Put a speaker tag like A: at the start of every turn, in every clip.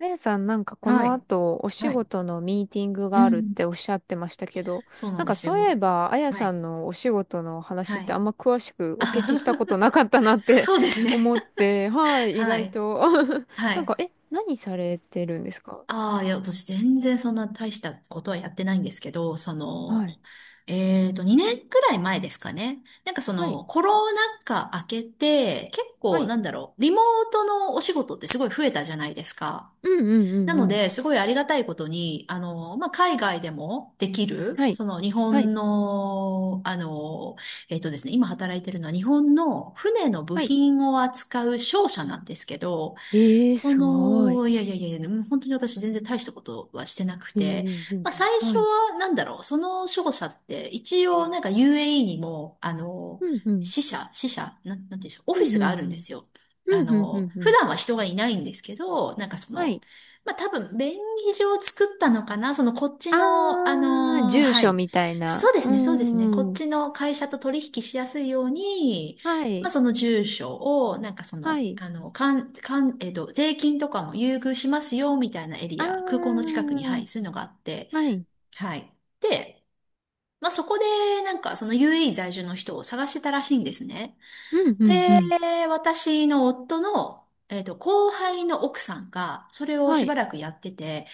A: あやさん、なんかこ
B: は
A: の
B: い。
A: 後、お仕
B: はい。
A: 事のミーティング
B: う
A: があるっ
B: ん。
A: ておっしゃってましたけど、
B: そうな
A: な
B: ん
A: ん
B: で
A: か
B: す
A: そう
B: よ。
A: いえば、あや
B: は
A: さ
B: い。
A: んのお仕事の
B: は
A: 話って
B: い。
A: あんま詳しくお聞
B: あ
A: きしたことなかったな って
B: そうです ね。
A: 思って、はい、意
B: は
A: 外
B: い。
A: と
B: は
A: なん
B: い。
A: か、何されてるんですか？
B: ああ、いや、私全然そんな大したことはやってないんですけど、その、
A: はい。
B: 2年くらい前ですかね。なんかそ
A: はい。
B: の、コロナ禍明けて、結
A: は
B: 構
A: い。
B: なんだろう、リモートのお仕事ってすごい増えたじゃないですか。
A: うんうんう
B: な
A: んう
B: の
A: ん。
B: で、すごいありがたいことに、あの、まあ、海外でもできる、
A: はい。
B: その日
A: はい。
B: 本の、あの、えっとですね、今働いてるのは日本の船の部
A: はい。
B: 品を扱う商社なんですけど、
A: えー、
B: そ
A: すごい。
B: の、いやいやいやいや、もう本当に私全然大したことはしてなく
A: え
B: て、
A: ー、全
B: まあ
A: 然。
B: 最初
A: はい。
B: はなんだろう、その守護者って一応なんか UAE にも、あの、
A: うんうん。
B: 支社、なんていうんでしょう、オフ
A: う
B: ィ
A: ん
B: ス
A: う
B: があるんで
A: ん
B: すよ。
A: う
B: あ
A: ん。うんうんう
B: の、
A: んう
B: 普
A: ん。
B: 段は人がいないんですけど、なんかそ
A: は
B: の、
A: い。
B: まあ多分便宜上作ったのかな、そのこっち
A: あ
B: の、あ
A: ー、
B: の、
A: 住
B: は
A: 所
B: い。
A: みたい
B: そう
A: な。
B: です
A: う
B: ね、そうですね。こっ
A: ーん。
B: ちの会社と取引しやすいように、
A: は
B: まあ、
A: い。
B: その住所を、なんかそ
A: は
B: の、
A: い。
B: あの、かん、かん、えっと、税金とかも優遇しますよ、みたいなエリ
A: あ
B: ア、空港の近くに、はい、
A: ー、
B: そういうのがあって、
A: はい。
B: はい。で、まあ、そこで、なんか、その UAE 在住の人を探してたらしいんですね。
A: うん、うん、う
B: で、
A: ん。
B: 私の夫の、後輩の奥さんが、それを
A: は
B: しば
A: い。
B: らくやってて、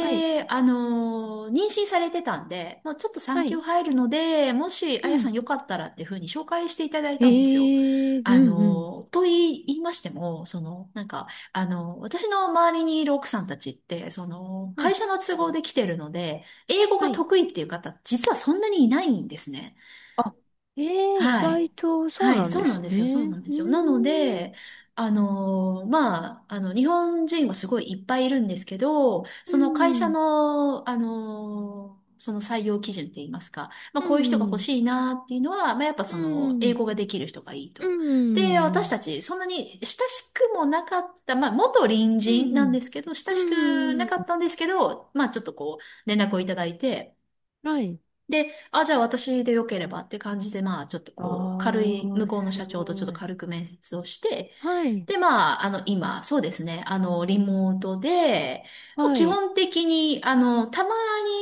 A: はい。
B: 妊娠されてたんで、もうちょっと
A: は
B: 産休
A: い。
B: 入るので、もし、あ
A: う
B: やさ
A: ん。
B: んよかったらっていうふうに紹介していただい
A: え
B: たんですよ。
A: ー、うん、うん。
B: と言いましても、その、なんか、私の周りにいる奥さんたちって、その、
A: は
B: 会
A: い。
B: 社の都合で来てるので、英語
A: は
B: が
A: い。
B: 得意っていう方、実はそんなにいないんですね。
A: あ、えー、意
B: はい。
A: 外とそう
B: はい、
A: なん
B: そ
A: で
B: うなん
A: す
B: で
A: ね。
B: すよ、そうなんで
A: うー
B: すよ。なの
A: ん。
B: で、まあ、あの、日本人はすごいいっぱいいるんですけど、
A: う
B: その会社
A: ん。
B: の、その採用基準って言いますか、まあ、
A: う
B: こういう人が欲
A: ん。
B: しいなっていうのは、まあ、やっぱ
A: う
B: その、英
A: ん。
B: 語ができる人がいい
A: う
B: と。で、私
A: ん。
B: たち、そんなに親しくもなかった、まあ、元隣
A: う
B: 人なん
A: ん。
B: ですけど、親
A: う
B: しくなかっ
A: ん。
B: たんですけど、まあ、ちょっとこう、連絡をいただいて、
A: はい。
B: で、あ、じゃあ私でよければって感じで、まあ、ちょっと
A: あ
B: こう、軽い、向
A: ー、
B: こうの
A: す
B: 社長とちょっ
A: ご
B: と
A: い。
B: 軽く面接をして、
A: はい。
B: で、まあ、あの、今、そうですね、あの、リモートで、もう
A: は
B: 基
A: い。
B: 本的に、あの、たま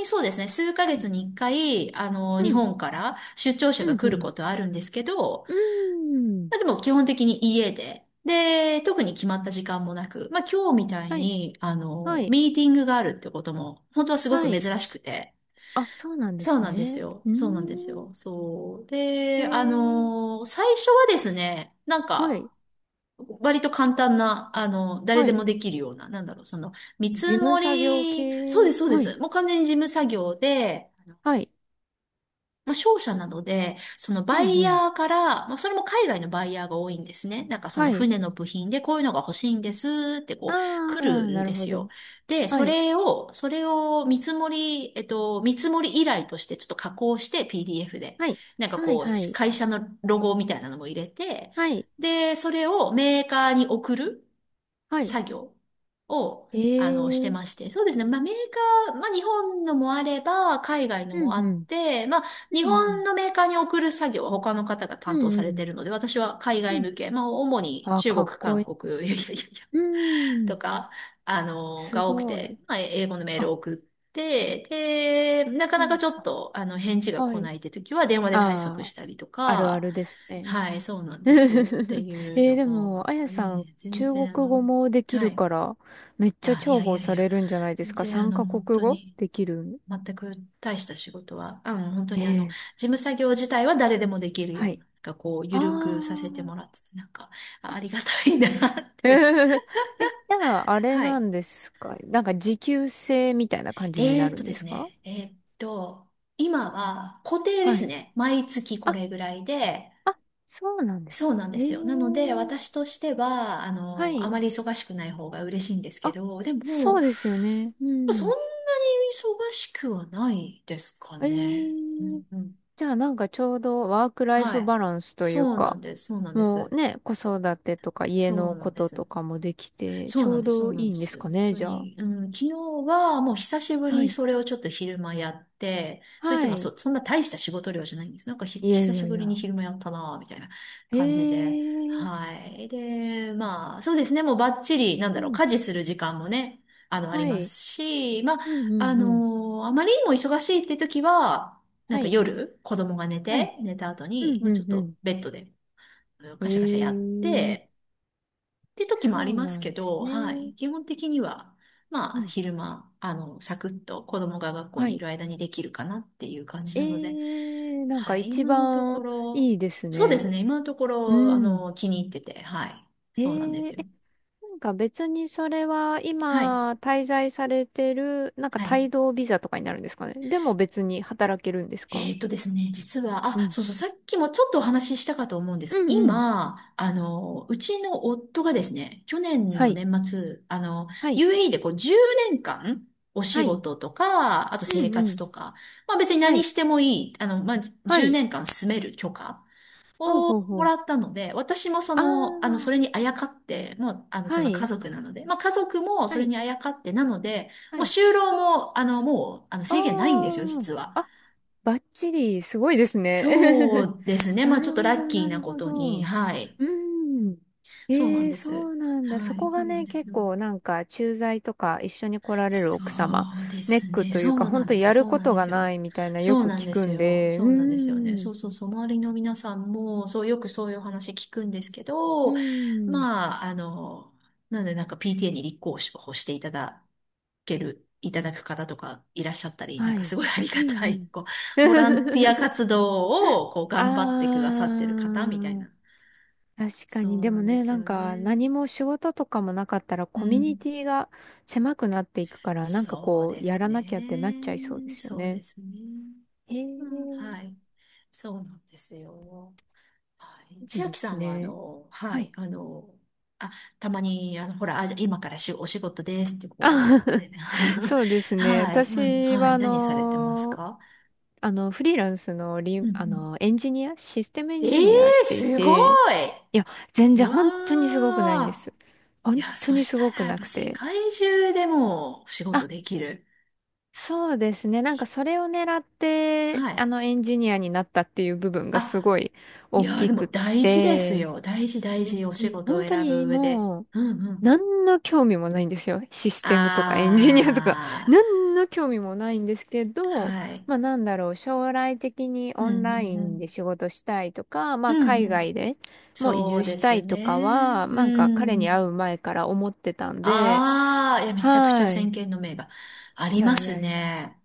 B: に、そうですね、数ヶ
A: はい。
B: 月に一回、あの、日
A: うん、
B: 本から出張者が
A: うん、う
B: 来る
A: ん。
B: ことはあるんですけど、
A: うーん。
B: まあでも基本的に家で、で、特に決まった時間もなく、まあ今日みたい
A: はい、
B: に、あ
A: は
B: の、
A: い、
B: ミーティングがあるってことも、本当はすご
A: は
B: く
A: い。
B: 珍しくて、
A: あ、そうなんで
B: そう
A: す
B: なんです
A: ね。
B: よ。
A: うー
B: そうなんです
A: ん。
B: よ。そう。
A: え
B: で、
A: ー、
B: 最初はですね、なん
A: は
B: か、
A: い、
B: 割と簡単な、あの、誰
A: は
B: で
A: い。
B: もできるような、なんだろう、その、見
A: 事
B: 積
A: 務
B: も
A: 作業
B: り、
A: 系。
B: そうです、そうで
A: はい、
B: す。もう完全に事務作業で、
A: はい。
B: まあ、商社などで、その
A: う
B: バ
A: ん、
B: イ
A: うん。
B: ヤーから、まあ、それも海外のバイヤーが多いんですね。なんかその
A: はい。
B: 船の部品でこういうのが欲しいんですってこう
A: あ
B: 来
A: あ、
B: るん
A: な
B: で
A: るほ
B: すよ。
A: ど。
B: で、
A: は
B: そ
A: い、
B: れを、それを見積もり依頼としてちょっと加工して PDF で、
A: はい、
B: なんか
A: はい、
B: こう、
A: はい、
B: 会社のロゴみたいなのも入れて、
A: はい、
B: で、それをメーカーに送る。
A: はい。
B: 作業を、
A: え
B: あの、して
A: ー、
B: まして。そうですね。まあ、メーカー、まあ、日本のもあれば、海外の
A: う
B: もあ
A: ん、う
B: っ
A: ん、
B: て、まあ、日
A: うん、う
B: 本
A: ん、
B: のメーカーに送る作業は他の方が担
A: う
B: 当されて
A: ん、
B: るので、私は海
A: う
B: 外
A: ん。
B: 向け、まあ、主に
A: ああ、
B: 中
A: か
B: 国、
A: っこい
B: 韓
A: い。
B: 国、いやいやいやいや、
A: うー
B: と
A: ん、
B: か、あの、
A: す
B: が多く
A: ご
B: て、
A: い。
B: まあ、英語のメールを
A: あ、
B: 送って、で、なか
A: う
B: なか
A: ん、
B: ちょっ
A: あ
B: と、あの、返事が
A: は
B: 来
A: い。
B: ないって時は、電話で催促
A: あ
B: し
A: あ、
B: たりと
A: あるあ
B: か、
A: るですね。
B: はい、そうなん ですよ。って
A: え
B: いうの
A: でも、
B: を、
A: あやさん、
B: いえ、全
A: 中国
B: 然、あの、
A: 語もでき
B: は
A: る
B: い。
A: から、めっちゃ
B: あ、い
A: 重
B: やい
A: 宝
B: やい
A: さ
B: や、
A: れるんじゃないで
B: 全
A: すか
B: 然あ
A: ?3
B: の、
A: カ
B: 本
A: 国
B: 当
A: 語
B: に、
A: できる
B: 全く大した仕事は、うん、本当にあの、
A: ええ
B: 事務作業自体は誰でもできる
A: は
B: ような、
A: い。
B: なんかこう、
A: あ
B: ゆるくさせて
A: ー
B: もらってて、なんか、あ
A: あ。
B: ありがたいなっ
A: え
B: て。
A: ーえ、じゃあ、あ れ
B: は
A: な
B: い。
A: んですかなんか、持久制みたいな感じになるん
B: で
A: で
B: す
A: すか？
B: ね、えーっと、今は固定で
A: は
B: す
A: い。
B: ね。毎月こ
A: あ、
B: れぐらいで、
A: あ、そうなんで
B: そ
A: す
B: うなんで
A: ね。え
B: す
A: え
B: よ。なので、私としては、あ
A: は
B: の、あ
A: い。
B: まり忙しくない方が嬉しいんですけ
A: あ、
B: ど、で
A: そ
B: も、
A: うですよね。う
B: そんな
A: ん。
B: に忙しくはないですか
A: え
B: ね。う
A: え
B: んうん。
A: じゃあなんかちょうどワークライ
B: は
A: フ
B: い。
A: バランスという
B: そうな
A: か、
B: んです。そうなんで
A: もう
B: す。
A: ね、子育てとか家
B: そう
A: の
B: なん
A: こ
B: で
A: とと
B: す。
A: かもできて、
B: そ
A: ち
B: う
A: ょ
B: なん
A: う
B: です、そう
A: ど
B: なん
A: いい
B: で
A: んです
B: す。
A: か
B: 本
A: ね、
B: 当
A: じゃあ。
B: に、うん、昨日はもう久しぶり
A: は
B: に
A: い。
B: それをちょっと昼間やって、といって
A: は
B: も
A: い。
B: そんな大した仕事量じゃないんです。なんかひ、
A: いやい
B: 久し
A: やい
B: ぶりに
A: や。
B: 昼間やったなぁ、みたいな感じ
A: え
B: で。
A: え
B: はい。で、まあ、そうですね、もうバッチリ、なん
A: う
B: だろう、
A: ん。
B: 家事する時間もね、あの、あり
A: は
B: ま
A: い。
B: すし、まあ、
A: うんうんうん。
B: あまりにも忙しいって時は、なん
A: は
B: か
A: い。
B: 夜、子供が寝
A: はい。
B: て、寝た後
A: う
B: に、
A: ん
B: ま
A: う
B: あ、ちょ
A: ん
B: っ
A: う
B: と
A: ん。
B: ベッドでうんカ
A: え
B: シャカシャやっ
A: え
B: て、って時もあ
A: そ
B: り
A: う
B: ます
A: なん
B: け
A: です
B: ど、は
A: ね。
B: い。基本的には、ま
A: う
B: あ、
A: ん。
B: 昼間、あの、サクッと子供が学校
A: は
B: にい
A: い。
B: る間にできるかなっていう感じ
A: え
B: なので、
A: えなんか
B: はい。
A: 一
B: 今のとこ
A: 番
B: ろ、
A: いいです
B: そうです
A: ね。
B: ね。今のとこ
A: う
B: ろ、あ
A: ん。
B: の、気に入ってて、はい。そうなんで
A: え
B: す
A: え
B: よ。
A: なんか別にそれは
B: はい。
A: 今滞在されてる、なんか
B: はい。
A: 帯同ビザとかになるんですかね。でも別に働けるんですか？
B: えーとですね、実は、
A: う
B: あ、
A: ん。
B: そうそう、さっきもちょっとお話ししたかと思うんで
A: う
B: すけど、
A: んうん。
B: 今、あの、うちの夫がですね、去年
A: は
B: の
A: い。
B: 年末、あの、
A: はい。
B: UAE でこう10年間、お仕
A: はい。
B: 事とか、あと
A: う
B: 生
A: んう
B: 活
A: ん。
B: とか、まあ別に
A: は
B: 何
A: い。
B: してもいい、あの、まあ
A: は
B: 10
A: い。
B: 年間住める許可
A: ほう
B: を
A: ほうほ
B: も
A: う。
B: らったので、私もそ
A: あ
B: の、あの、そ
A: あ、
B: れにあやかって、もう、あの、そ
A: は
B: の家
A: い。
B: 族なので、まあ家族もそ
A: は
B: れ
A: い。
B: にあやかってなので、
A: は
B: もう
A: い。
B: 就労も、あの、もう、あの、
A: あ
B: 制限ないんですよ、実は。
A: ああバッチリ、すごいですね。
B: そ うですね。ま
A: な
B: あちょ
A: る
B: っと
A: ほ
B: ラ
A: ど、
B: ッキ
A: な
B: ーな
A: る
B: こ
A: ほ
B: とに、
A: ど。
B: はい。
A: うん。
B: そうな
A: え
B: ん
A: え、
B: で
A: そ
B: す。
A: うなんだ。そ
B: はい、
A: こ
B: そ
A: が
B: うなん
A: ね、
B: です
A: 結
B: よ。
A: 構なんか、駐在とか一緒に来られる
B: そ
A: 奥様、
B: うで
A: ネッ
B: す
A: ク
B: ね。
A: という
B: そ
A: か、
B: うな
A: 本
B: ん
A: 当
B: です。
A: やる
B: そう
A: こ
B: なん
A: と
B: で
A: が
B: す
A: な
B: よ。
A: いみたいなよ
B: そう
A: く
B: なん
A: 聞
B: で
A: く
B: す
A: ん
B: よ。
A: で、
B: そ
A: う
B: うなんですよね。
A: ん。
B: そうそうそう。周りの皆さんも、そう、よくそういうお話聞くんですけ
A: う
B: ど、
A: ん。
B: まあ、あの、なんでなんか PTA に立候補していただく方とかいらっしゃったり、なん
A: は
B: か
A: い。
B: すごいありが
A: う
B: たい、
A: ん
B: こ
A: う
B: う、ボランティア
A: ん。
B: 活動をこう 頑張ってく
A: あ
B: ださってる方みたいな
A: あ。確かに。
B: そう
A: で
B: な
A: も
B: んで
A: ね、
B: す
A: なん
B: よ
A: か
B: ね。
A: 何も仕事とかもなかったら
B: う
A: コミュニ
B: ん。
A: ティが狭くなっていくから、なんか
B: そう
A: こ
B: で
A: う、や
B: す
A: らなきゃってな
B: ね。
A: っちゃいそうですよ
B: そう
A: ね。
B: ですね。
A: へえ、
B: うん、
A: い
B: はい。そうなんですよ。はい。
A: い
B: 千
A: で
B: 秋さ
A: す
B: んは、あ
A: ね。
B: の、は
A: はい。
B: い、あの、あ、たまに、あの、ほら、あ、じゃあ今からお仕事ですって、こう。
A: あ
B: え
A: そうです ね。
B: はい、うん、
A: 私
B: は
A: は
B: い。何されてますか
A: フリーランスの
B: う
A: リ、
B: ん、う
A: あ
B: ん。
A: の、エンジニア、システムエ
B: え
A: ンジ
B: え
A: ニア
B: ー、
A: してい
B: すごい。
A: て、いや、全
B: う
A: 然本当にすごくないんで
B: わ
A: す。
B: ー。い
A: 本
B: や、
A: 当
B: そ
A: に
B: し
A: す
B: た
A: ごく
B: らやっ
A: な
B: ぱ
A: く
B: 世
A: て。
B: 界中でもお仕事できる。
A: そうですね。なんかそれを狙って、
B: はい。
A: あのエンジニアになったっていう部分がす
B: あ、
A: ごい
B: い
A: 大
B: やー、
A: き
B: で
A: く
B: も
A: っ
B: 大事です
A: て、
B: よ。大事大
A: う
B: 事。お仕
A: ん、
B: 事を
A: 本当
B: 選ぶ
A: に
B: 上で。
A: もう
B: うんうん。
A: 何の興味もないんですよ。システムとかエンジニアとか
B: あ
A: 何の興味もないんですけ
B: ー、
A: ど、
B: はい。
A: まあなんだろう、将来的に
B: うん
A: オ
B: う
A: ンラ
B: ん
A: イ
B: う
A: ンで
B: ん。
A: 仕事したいとか、ま
B: う
A: あ
B: ん
A: 海
B: うん。
A: 外でもう移
B: そう
A: 住し
B: で
A: た
B: す
A: い
B: ね。
A: とかは、なんか彼
B: う
A: に会
B: ん。
A: う前から思ってたんで、
B: あー、いや、めちゃくちゃ
A: は
B: 先
A: い。
B: 見の明があ
A: い
B: り
A: や
B: ま
A: い
B: す
A: やいや。
B: ね。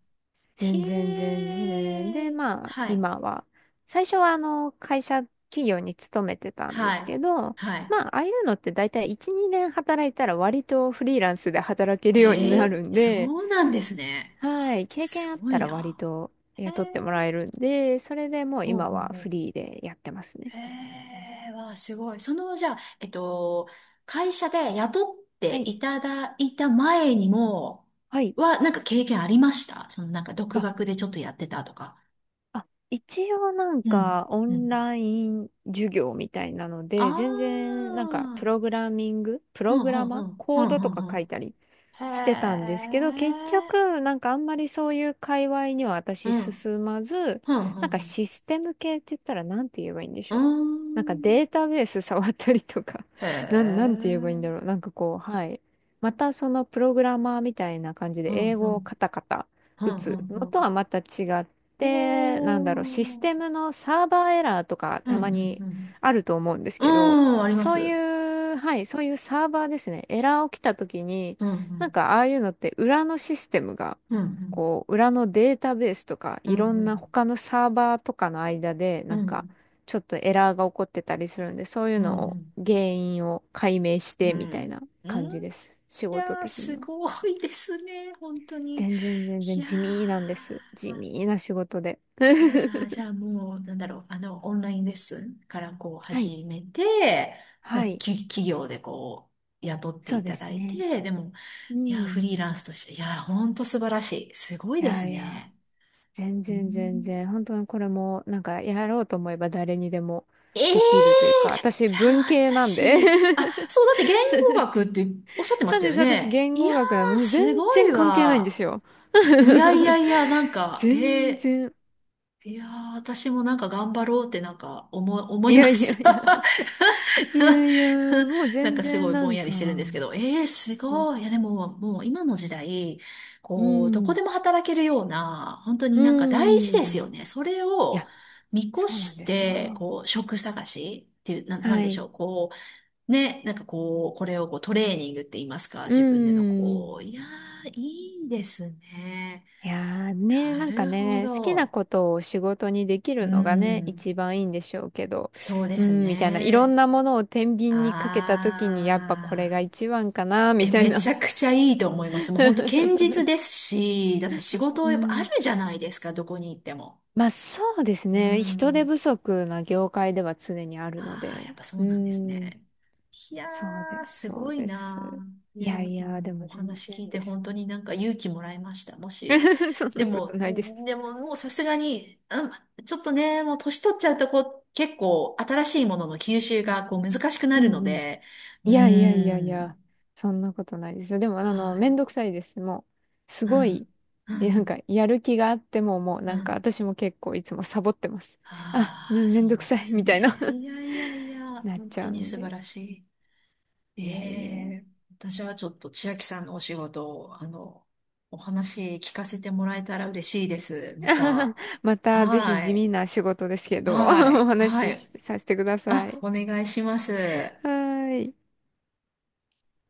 A: 全然
B: へ
A: 全然。で、
B: ー。
A: まあ、
B: はい。
A: 今は、最初は会社、企業に勤めてたんで
B: は
A: すけ
B: い。
A: ど、
B: は
A: まあ、ああいうのって大体1、2年働いたら割とフリーランスで働ける
B: い。
A: ように
B: え
A: なるん
B: ー、
A: で、
B: そうなんですね。
A: はい、経験あ
B: す
A: っ
B: ご
A: た
B: い
A: ら割
B: な。
A: と
B: へー。
A: 雇ってもらえるんで、それでもう
B: ほう
A: 今
B: ほう
A: は
B: ほ
A: フ
B: う。
A: リーでやってますね。
B: へえ、わあ、すごい。その、じゃあ、会社で雇っ
A: は
B: て
A: い。
B: いただいた前にも、
A: はい。
B: は、なんか経験ありました？その、なんか
A: あ
B: 独学でちょっとやってたとか。
A: あ、一応なん
B: うん、
A: かオ
B: う
A: ン
B: ん。
A: ライン授業みたいなの
B: あ
A: で、全然なん
B: あ、う
A: か
B: ん、
A: プ
B: う
A: ログラミング、プ
B: ん、う
A: ロ
B: ん、
A: グ
B: う
A: ラ
B: ん、う
A: マー、
B: ん。
A: コードとか
B: う
A: 書
B: ん。
A: いたり
B: へ
A: してたんですけど、結
B: え、
A: 局なんかあんまりそういう界隈には
B: う
A: 私
B: ん、
A: 進まず、
B: うん、う
A: なんか
B: ん。
A: システム系って言ったらなんて言えばいいんでし
B: う
A: ょう。
B: ん。
A: なんかデータベース触ったりとか、
B: へ
A: なんて言えばいいんだ
B: え、
A: ろう。なんかこう、はい。またそのプログラマーみたいな感じ
B: う
A: で英
B: ん、う
A: 語をカ
B: ん、
A: タカタ
B: う
A: 打
B: ん、う
A: つ
B: ん、
A: の
B: う
A: と
B: ん。
A: はまた違っ
B: お
A: で、なんだろう、システ
B: ー、
A: ムのサーバーエラーとか
B: うん、
A: た
B: う
A: ま
B: ん、
A: に
B: うん。
A: あると思うんですけど、
B: うん、ありま
A: そうい
B: す。
A: う、はい、そういうサーバーですね、エラー起きた時に、
B: うんう
A: なん
B: ん
A: かああいうのって裏のシステムが、
B: うん、
A: こう、裏のデータベースとか、
B: うん、
A: いろ
B: う
A: んな
B: ん、
A: 他のサーバーとかの間で、
B: う
A: な
B: ん、う
A: んか、
B: ん、
A: ちょっとエラーが起こってたりするんで、そういう
B: うん。う
A: のを、
B: ん。
A: 原因を解明し
B: う
A: てみたい
B: ん
A: な
B: う
A: 感じ
B: ん。
A: です。仕
B: い
A: 事
B: やー、
A: 的に
B: す
A: は。
B: ごいですね。本当に。
A: 全然全
B: い
A: 然
B: や
A: 地味なんで
B: ー、
A: す。地味な仕事で。
B: いやー、じ ゃあもう、なんだろう、オンラインレッスンからこう
A: はい。
B: 始めて、まあ、
A: はい。
B: き、企業でこう、雇って
A: そう
B: い
A: で
B: ただ
A: す
B: い
A: ね。
B: て、でも、
A: う
B: いやー、フ
A: ん。
B: リーランスとして、いやー、本当素晴らしい。すごい
A: い
B: で
A: や
B: す
A: いや、
B: ね。
A: 全
B: う
A: 然全
B: ん。
A: 然。本当にこれも、なんか、やろうと思えば誰にでも
B: ええ
A: できるというか、
B: ー。いや、
A: 私、
B: い
A: 文
B: や
A: 系なん
B: 私
A: で。
B: に、あ、そう、だって言語学っておっしゃってま
A: そ
B: し
A: う
B: た
A: で
B: よ
A: す。私、
B: ね。
A: 言
B: い
A: 語
B: や
A: 学な
B: ー、
A: の。全
B: すごい
A: 然関係ないんで
B: わ。
A: すよ。
B: いやいや いや、なんか、え
A: 全
B: ー
A: 然。
B: いやー、私もなんか頑張ろうってなんか思
A: い
B: いま
A: やいや
B: した。
A: いや。いやいや、もう
B: なん
A: 全
B: かすご
A: 然
B: い
A: な
B: ぼん
A: ん
B: やり
A: か、
B: してるんですけど、えー、す
A: う
B: ごい。いや、でも、もう今の時代、こう、どこ
A: ん。
B: でも働けるような、本当に
A: う
B: なんか大事です
A: ん。い
B: よね。それを
A: や、
B: 見越
A: そうなん
B: し
A: です
B: て、
A: よ。
B: こう、職探しっていう、な、なん
A: は
B: でしょ
A: い。
B: う。こう、ね、なんかこう、これをこうトレーニングって言いますか、
A: う
B: 自分でのこう、
A: ん。
B: いやー、いいですね。
A: いやーね、
B: な
A: なんか
B: るほ
A: ね、好きな
B: ど。
A: ことを仕事にでき
B: う
A: るのがね、
B: ん。
A: 一番いいんでしょうけど、
B: そうで
A: う
B: す
A: ん、みたいな、いろん
B: ね。
A: なものを天秤にかけたときに、やっぱこれが
B: ああ。
A: 一番かな、み
B: え、
A: たい
B: めち
A: な。
B: ゃくちゃいいと思います。もう本当堅実ですし、だって仕 事
A: う
B: やっぱあ
A: ん。
B: るじゃないですか、どこに行っても。
A: まあそうです
B: う
A: ね、人手
B: ん。
A: 不足な業界では常にあるの
B: ああ、
A: で、
B: やっぱそ
A: う
B: うなんです
A: ん、
B: ね。いや
A: そうで
B: ー、
A: す、
B: す
A: そう
B: ごい
A: です。
B: なー。い
A: い
B: や、で
A: や
B: も
A: い
B: 今
A: や、で
B: の
A: も
B: お
A: 全
B: 話
A: 然
B: 聞いて
A: です。
B: 本当になんか勇気もらいました。もし。
A: そん
B: で
A: なこと
B: も、
A: ないです。
B: でももうさすがに、うん、ちょっとね、もう年取っちゃうとこう、結構新しいものの吸収がこう難しくな
A: う
B: るの
A: んうん。
B: で、う
A: いやいやいやい
B: ーん、
A: や、そんなことないですよ。でも、
B: は
A: めん
B: い。
A: どくさいです。もう、す
B: う
A: ごい、
B: ん、う
A: なんか、
B: ん、
A: やる気があっても、もう、
B: う
A: なんか、
B: ん。
A: 私も結構いつもサボってます。あ、め、
B: ああ、
A: め
B: そ
A: ん
B: う
A: どく
B: なん
A: さ
B: で
A: い、
B: す
A: みたいな
B: ね。いやいやいや、
A: なっ
B: 本
A: ち
B: 当
A: ゃう
B: に
A: ん
B: 素晴
A: で。
B: らしい。へ
A: いやいや。
B: え、私はちょっと千秋さんのお仕事を、お話聞かせてもらえたら嬉しいです。また。
A: また、ぜひ
B: は
A: 地
B: い。
A: 味な仕事ですけど、お
B: はい。は
A: 話しし
B: い。
A: させてくださ
B: あ、
A: い。
B: お願いします。
A: はーい。